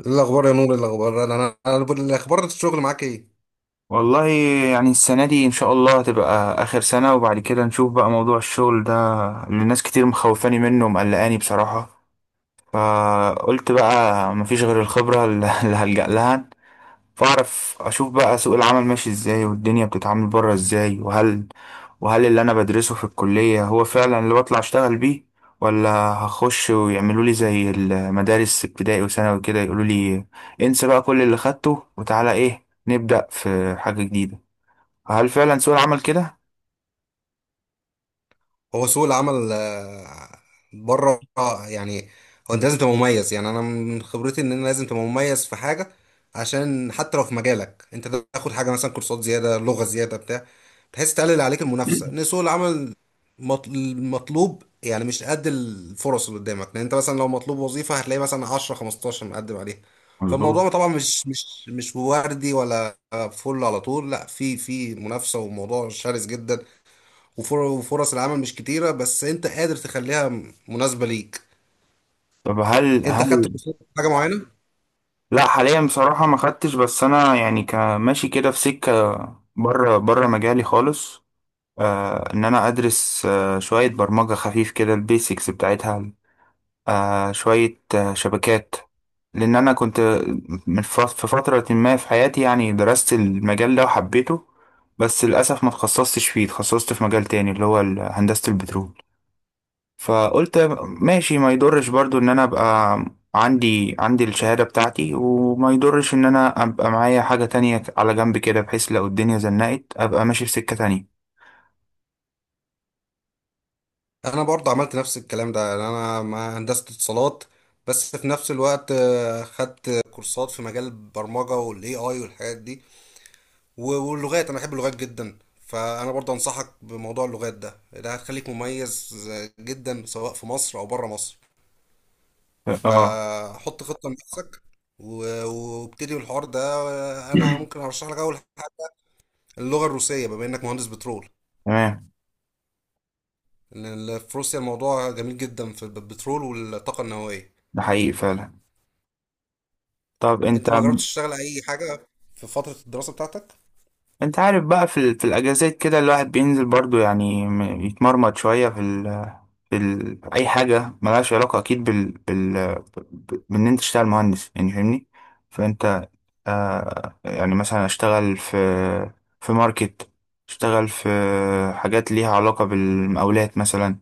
ايه الاخبار يا نور، إيه الاخبار انا انا أنا بقول- الاخبار، الشغل معاك ايه؟ والله، يعني السنة دي إن شاء الله هتبقى آخر سنة، وبعد كده نشوف بقى موضوع الشغل ده اللي الناس كتير مخوفاني منه ومقلقاني بصراحة. فقلت بقى مفيش غير الخبرة اللي هلجأ لها. فأعرف أشوف بقى سوق العمل ماشي إزاي، والدنيا بتتعامل بره إزاي، وهل اللي أنا بدرسه في الكلية هو فعلا اللي بطلع أشتغل بيه، ولا هخش ويعملوا لي زي المدارس ابتدائي وثانوي كده يقولوا لي انسى بقى كل اللي خدته وتعالى إيه نبدأ في حاجة جديدة. هل فعلا سوق العمل كده؟ هو سوق العمل بره يعني، هو انت لازم تبقى مميز، يعني انا من خبرتي ان انا لازم تبقى مميز في حاجه. عشان حتى لو في مجالك انت تاخد حاجه، مثلا كورسات زياده، لغه زياده بتاع، بحيث تقلل عليك المنافسه، ان سوق العمل المطلوب يعني مش قد الفرص اللي قدامك، لان انت مثلا لو مطلوب وظيفه هتلاقي مثلا 10 15 مقدم عليها. مظبوط. فالموضوع طبعا مش وردي ولا فل على طول، لا، في منافسه، وموضوع شرس جدا. وفرص العمل مش كتيرة، بس انت قادر تخليها مناسبة ليك. طب هل انت خدت هل كورسات في حاجة معينة؟ لا، حاليا بصراحة ما خدتش. بس انا يعني كماشي كده في سكة بره مجالي خالص. ان انا ادرس شوية برمجة خفيف كده، البيسكس بتاعتها، شوية شبكات. لان انا كنت من في فترة ما في حياتي، يعني درست المجال ده وحبيته. بس للأسف ما تخصصتش فيه، تخصصت في مجال تاني اللي هو هندسة البترول. فقلت ماشي ما يضرش برضو ان انا ابقى عندي الشهادة بتاعتي، وما يضرش ان انا ابقى معايا حاجة تانية على جنب كده، بحيث لو الدنيا زنقت ابقى ماشي في سكة تانية. انا برضه عملت نفس الكلام ده، يعني انا ما هندسة اتصالات، بس في نفس الوقت خدت كورسات في مجال البرمجة والاي اي والحاجات دي. واللغات، انا بحب اللغات جدا، فانا برضه انصحك بموضوع اللغات ده. هتخليك مميز جدا، سواء في مصر او بره مصر. اه، فحط خطة لنفسك، وابتدي الحوار ده. انا ممكن ارشح لك اول اللغة الروسية، بما انك مهندس بترول. تمام. لأن في روسيا الموضوع جميل جدا في البترول والطاقة النووية. ده حقيقي فعلا. طب انت، انت ما جربتش تشتغل اي حاجة في فترة الدراسة بتاعتك؟ انت عارف بقى في الاجازات كده الواحد بينزل برضو يعني يتمرمط شوية اي حاجة ملهاش علاقة اكيد بان انت تشتغل مهندس، يعني فاهمني. فانت، يعني مثلا اشتغل في ماركت، اشتغل في حاجات ليها علاقة بالمقاولات مثلا.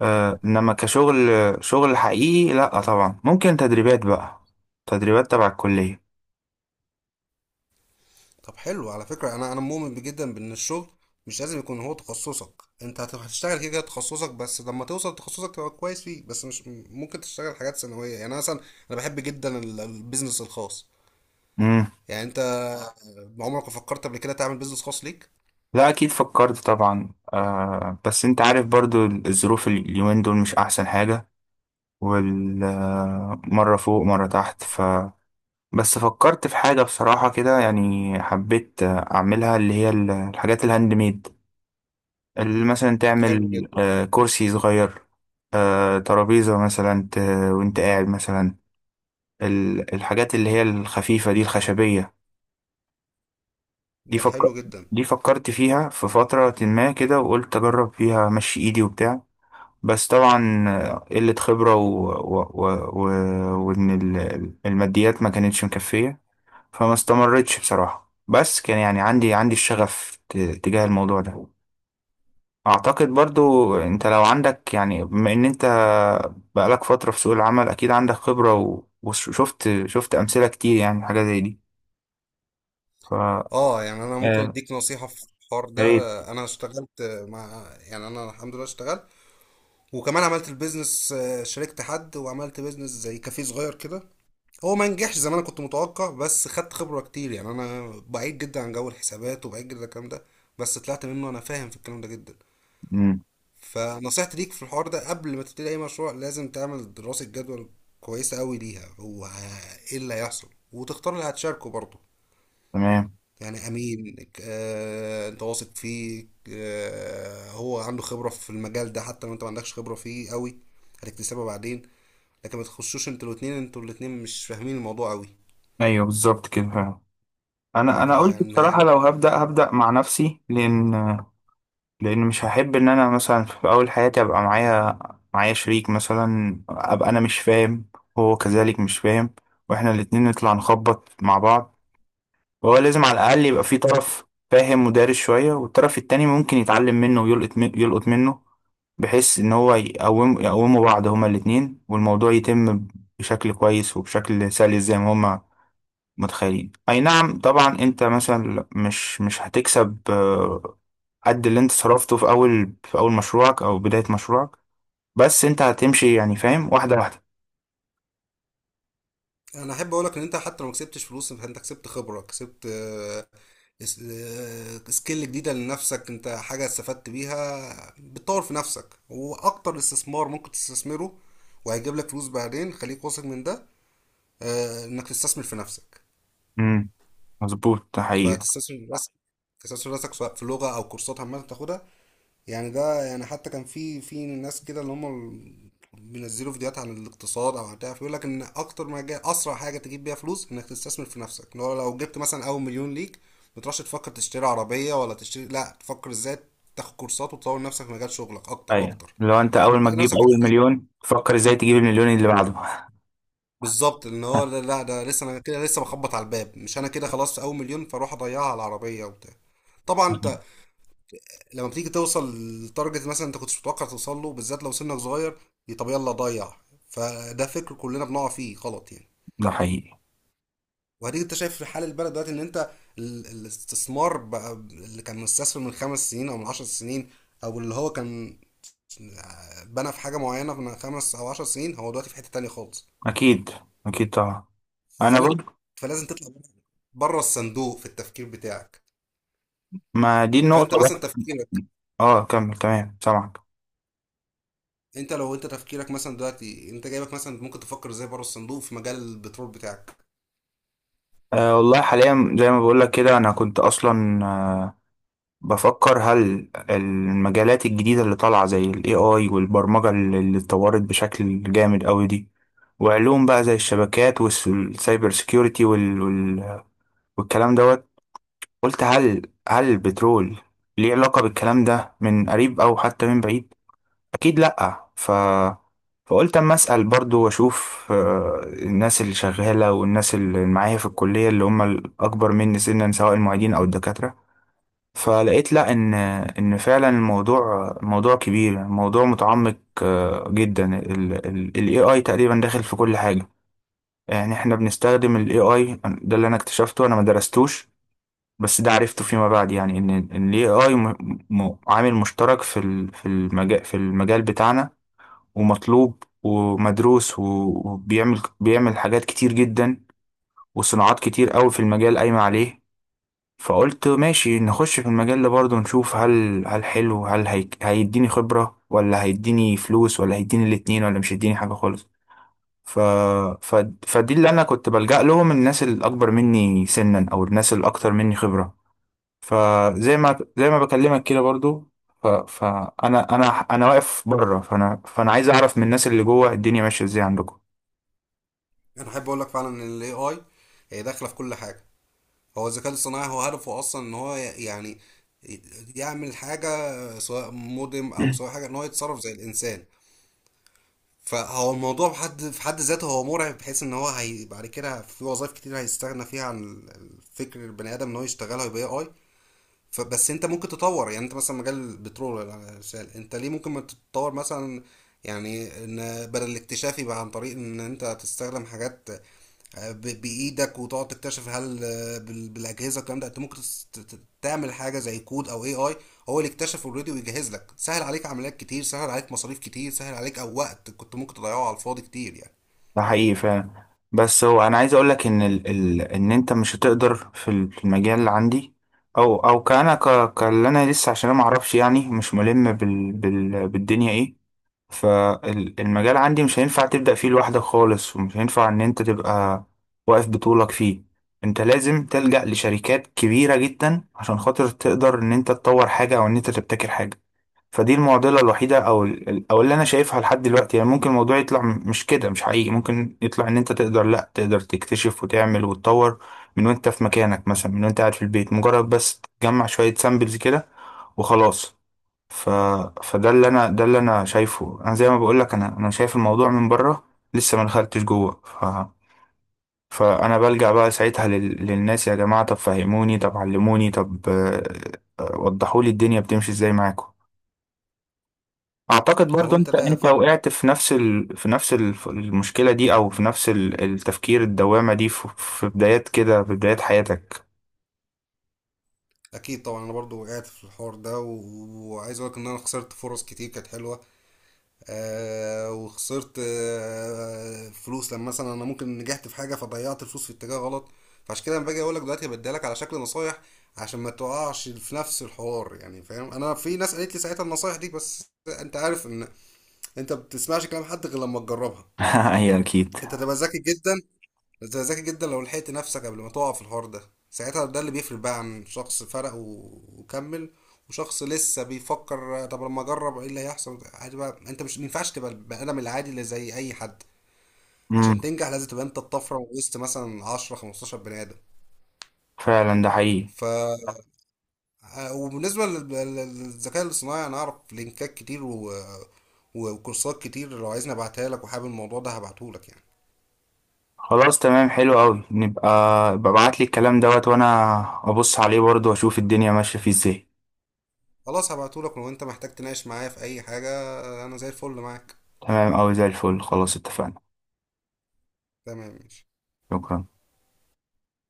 انما كشغل، شغل حقيقي لا طبعا. ممكن تدريبات بقى، تدريبات تبع الكلية. طب حلو على فكرة. انا مؤمن جدا بان الشغل مش لازم يكون هو تخصصك، انت هتشتغل كده كده تخصصك، بس لما توصل لتخصصك تبقى كويس فيه، بس مش ممكن تشتغل حاجات ثانوية. يعني أنا مثلا، انا بحب جدا البيزنس الخاص. مم. يعني انت عمرك ما فكرت قبل كده تعمل بيزنس خاص ليك؟ لا، اكيد فكرت طبعا. بس انت عارف برضو الظروف اليومين دول مش احسن حاجة، والمرة فوق مرة تحت. بس فكرت في حاجة بصراحة كده، يعني حبيت أعملها، اللي هي الحاجات الهاند ميد، اللي مثلا حلو تعمل جدا. كرسي صغير، ترابيزة مثلا، وانت قاعد مثلا، الحاجات اللي هي الخفيفة دي الخشبية. دي ده فك... حلو جدا. دي فكرت فيها في فترة ما كده، وقلت أجرب فيها مشي إيدي وبتاع. بس طبعا قلة خبرة و... وإن الماديات ما كانتش مكفية. فما استمرتش بصراحة، بس كان يعني عندي الشغف تجاه الموضوع ده. اعتقد برضو انت لو عندك، يعني بما ان انت بقالك فترة في سوق العمل، اكيد عندك خبرة وشفت امثلة كتير، يعني حاجة زي دي. ف آه، اه، يعني انا ممكن يا اديك نصيحة في الحوار ده. ريت. انا اشتغلت انا الحمد لله اشتغلت، وكمان عملت البيزنس، شاركت حد وعملت بيزنس زي كافيه صغير كده. هو ما نجحش زي ما انا كنت متوقع، بس خدت خبرة كتير، يعني انا بعيد جدا عن جو الحسابات، وبعيد جدا عن الكلام ده، بس طلعت منه انا فاهم في الكلام ده جدا. مم. فنصيحتي ليك في الحوار ده، قبل ما تبتدي اي مشروع لازم تعمل دراسة جدوى كويسة قوي ليها، هو ايه اللي هيحصل، وتختار اللي هتشاركه برضه. تمام. يعني امين، انت واثق فيه، هو عنده خبرة في المجال ده، حتى لو انت ما عندكش خبرة فيه قوي، هتكتسبها بعدين. لكن ما تخشوش انتوا الاتنين مش فاهمين الموضوع قوي. ايوه، بالظبط كده فعلا. انا يبقى قلت انا بصراحة لو هبدأ، هبدأ مع نفسي. لان مش هحب ان انا مثلا في اول حياتي ابقى معايا شريك مثلا، ابقى انا مش فاهم، هو كذلك مش فاهم، واحنا الاتنين نطلع نخبط مع بعض. وهو لازم على الأقل يبقى في طرف فاهم ودارس شوية، والطرف التاني ممكن يتعلم منه، ويلقط من- يلقط منه، بحيث إن هو يقوموا بعض هما الاتنين، والموضوع يتم بشكل كويس وبشكل سلس زي ما هما متخيلين. أي نعم، طبعا أنت مثلا مش هتكسب قد اللي أنت صرفته في أول، في أول مشروعك أو بداية مشروعك. بس أنت هتمشي، يعني فاهم، واحدة واحدة. انا احب اقولك ان انت حتى لو ما كسبتش فلوس فانت كسبت خبرة، كسبت سكيل جديدة لنفسك، انت حاجة استفدت بيها بتطور في نفسك، واكتر استثمار ممكن تستثمره وهيجيب لك فلوس بعدين. خليك واثق من ده، انك تستثمر في نفسك. امم، مظبوط، ده حقيقي. فتستسهل راسك، تستسهل راسك سواء في لغة أو كورسات عامة تاخدها. يعني ده، يعني حتى كان في ناس كده اللي هم بينزلوا فيديوهات عن الاقتصاد أو عن بتاع، فيقول لك إن أكتر ما جاي، أسرع حاجة تجيب بيها فلوس إنك تستثمر في نفسك، اللي هو لو جبت مثلا أول مليون ليك، ما تروحش تفكر تشتري عربية ولا تشتري، لا، تفكر إزاي تاخد كورسات وتطور نفسك في مجال شغلك أكتر ايوه، وأكتر. لو انت اول ما تلاقي تجيب نفسك اول بتسألك مليون فكر ازاي تجيب المليون اللي بعده. بالظبط، ان هو لا لا، ده لسه، انا كده لسه بخبط على الباب، مش انا كده خلاص اول مليون فاروح اضيعها على العربيه وبتاع. طبعا انت لما بتيجي توصل لتارجت مثلا انت كنتش متوقع توصل له، بالذات لو سنك صغير، طب يلا ضيع. فده فكر كلنا بنقع فيه غلط يعني. ده حقيقي. وهديك، انت شايف في حال البلد دلوقتي، ان انت الاستثمار بقى، اللي كان مستثمر من 5 سنين او من 10 سنين، او اللي هو كان بنى في حاجه معينه من 5 او 10 سنين، هو دلوقتي في حته تانية خالص. اكيد، طبعا. انا فلازم برضه. فلازم تطلع بره الصندوق في التفكير بتاعك. ما دي فانت النقطه مثلا بقى. تفكيرك، اه، كمل، تمام، سامعك. انت لو انت تفكيرك مثلا دلوقتي انت جايبك مثلا، ممكن تفكر ازاي بره الصندوق في مجال البترول بتاعك. والله حاليا زي ما بقول لك كده، انا كنت اصلا بفكر هل المجالات الجديده اللي طالعه زي الاي اي والبرمجه اللي اتطورت بشكل جامد قوي دي، وعلوم بقى زي الشبكات والسايبر سيكيورتي والكلام دوت. قلت هل البترول ليه علاقه بالكلام ده من قريب او حتى من بعيد؟ اكيد لا. فقلت اما اسال برضو واشوف الناس اللي شغاله والناس اللي معايا في الكليه اللي هم الاكبر مني سنا، سواء المعيدين او الدكاتره. فلقيت لا، ان فعلا الموضوع موضوع كبير، موضوع متعمق جدا. الاي اي تقريبا داخل في كل حاجه. يعني احنا بنستخدم الاي اي ده، اللي انا اكتشفته، انا ما درستوش بس ده عرفته فيما بعد، يعني ان الاي اي عامل مشترك في المجال، بتاعنا. ومطلوب ومدروس، بيعمل حاجات كتير جدا، وصناعات كتير قوي في المجال قايمة عليه. فقلت ماشي نخش في المجال ده برضه نشوف، هل، حلو، هل هي هيديني خبرة ولا هيديني فلوس ولا هيديني الاتنين ولا مش هيديني حاجة خالص. ف... ف... فدي اللي انا كنت بلجأ لهم، الناس الاكبر مني سنا او الناس الاكتر مني خبرة. فزي ما بكلمك كده برضو. فانا انا انا واقف بره، فانا عايز اعرف من الناس اللي جوه الدنيا ماشيه ازاي عندكم. انا احب اقول لك فعلا ان الاي اي هي داخله في كل حاجه. هو الذكاء الصناعي، هو هدفه اصلا ان هو يعني يعمل حاجه، سواء مودم او سواء حاجه، ان هو يتصرف زي الانسان. فهو الموضوع في حد في حد ذاته هو مرعب، بحيث ان هو، هي بعد كده في وظائف كتير هيستغنى فيها عن الفكر البني ادم ان هو يشتغلها، يبقى اي. فبس انت ممكن تطور، يعني انت مثلا مجال البترول ولا الشال انت ليه، ممكن ما تتطور مثلا؟ يعني ان بدل الاكتشاف يبقى عن طريق ان انت تستخدم حاجات بايدك، وتقعد تكتشف. هل بالاجهزه الكلام ده انت ممكن تعمل حاجه زي كود او اي اي، هو اللي اكتشف اوريدي ويجهز لك، سهل عليك عمليات كتير، سهل عليك مصاريف كتير، سهل عليك او وقت كنت ممكن تضيعه على الفاضي كتير يعني. ده حقيقي فعلا. بس هو انا عايز اقول لك ان ان انت مش هتقدر في المجال اللي عندي، او او كاللي انا لسه، عشان انا ما اعرفش يعني، مش ملم بالدنيا ايه. فالمجال عندي مش هينفع تبدأ فيه لوحدك خالص، ومش هينفع ان انت تبقى واقف بطولك فيه. انت لازم تلجأ لشركات كبيرة جدا عشان خاطر تقدر ان انت تطور حاجة او ان انت تبتكر حاجة. فدي المعضلة الوحيدة، او او اللي انا شايفها لحد دلوقتي. يعني ممكن الموضوع يطلع مش كده، مش حقيقي، ممكن يطلع ان انت تقدر، لا تقدر تكتشف وتعمل وتطور من وانت في مكانك مثلا، من وانت قاعد في البيت، مجرد بس تجمع شوية سامبلز كده وخلاص. ف... فده اللي انا ده اللي انا شايفه. انا زي ما بقول لك، انا شايف الموضوع من بره، لسه ما دخلتش جوه. فانا بلجأ بقى ساعتها للناس، يا جماعه طب فهموني، طب علموني، طب وضحوا لي الدنيا بتمشي ازاي معاكم. اعتقد هو برضو انت، انت لا انت فعلا، وقعت في نفس المشكله دي، او في نفس التفكير الدوامه دي في بدايات كده، في بدايات حياتك. اكيد طبعا انا برضو وقعت في الحوار ده، وعايز اقول لك ان انا خسرت فرص كتير كانت حلوه، وخسرت فلوس لما مثلا انا ممكن نجحت في حاجه، فضيعت الفلوس في اتجاه غلط. فعشان كده انا باجي اقول لك دلوقتي، هبديها لك على شكل نصايح عشان ما تقعش في نفس الحوار، يعني فاهم. انا في ناس قالت لي ساعتها النصايح دي، بس انت عارف ان انت ما بتسمعش كلام حد غير لما تجربها. هي اكيد. انت تبقى ذكي جدا. انت ذكي جدا لو لحقت نفسك قبل ما تقع في الحوار ده، ساعتها ده اللي بيفرق بقى، عن شخص فرق وكمل، وشخص لسه بيفكر طب لما اجرب ايه اللي هيحصل عادي. بقى انت مش مينفعش تبقى البني ادم العادي اللي زي اي حد، امم، عشان تنجح لازم تبقى انت الطفره وسط مثلا 10 15 بني ادم. فعلا، ده حقيقي. ف آه، وبالنسبه للذكاء الاصطناعي، انا اعرف لينكات كتير و... وكورسات كتير، لو عايزني ابعتها لك وحابب الموضوع ده هبعته لك يعني. خلاص تمام، حلو قوي. نبقى ببعت لي الكلام دوت وانا ابص عليه برضه واشوف الدنيا ماشيه فيه ازاي. خلاص هبعته لك، ولو انت محتاج تناقش معايا في اي حاجه، انا زي الفل معاك. تمام قوي، زي الفل. خلاص اتفقنا. تمام ماشي. شكرا.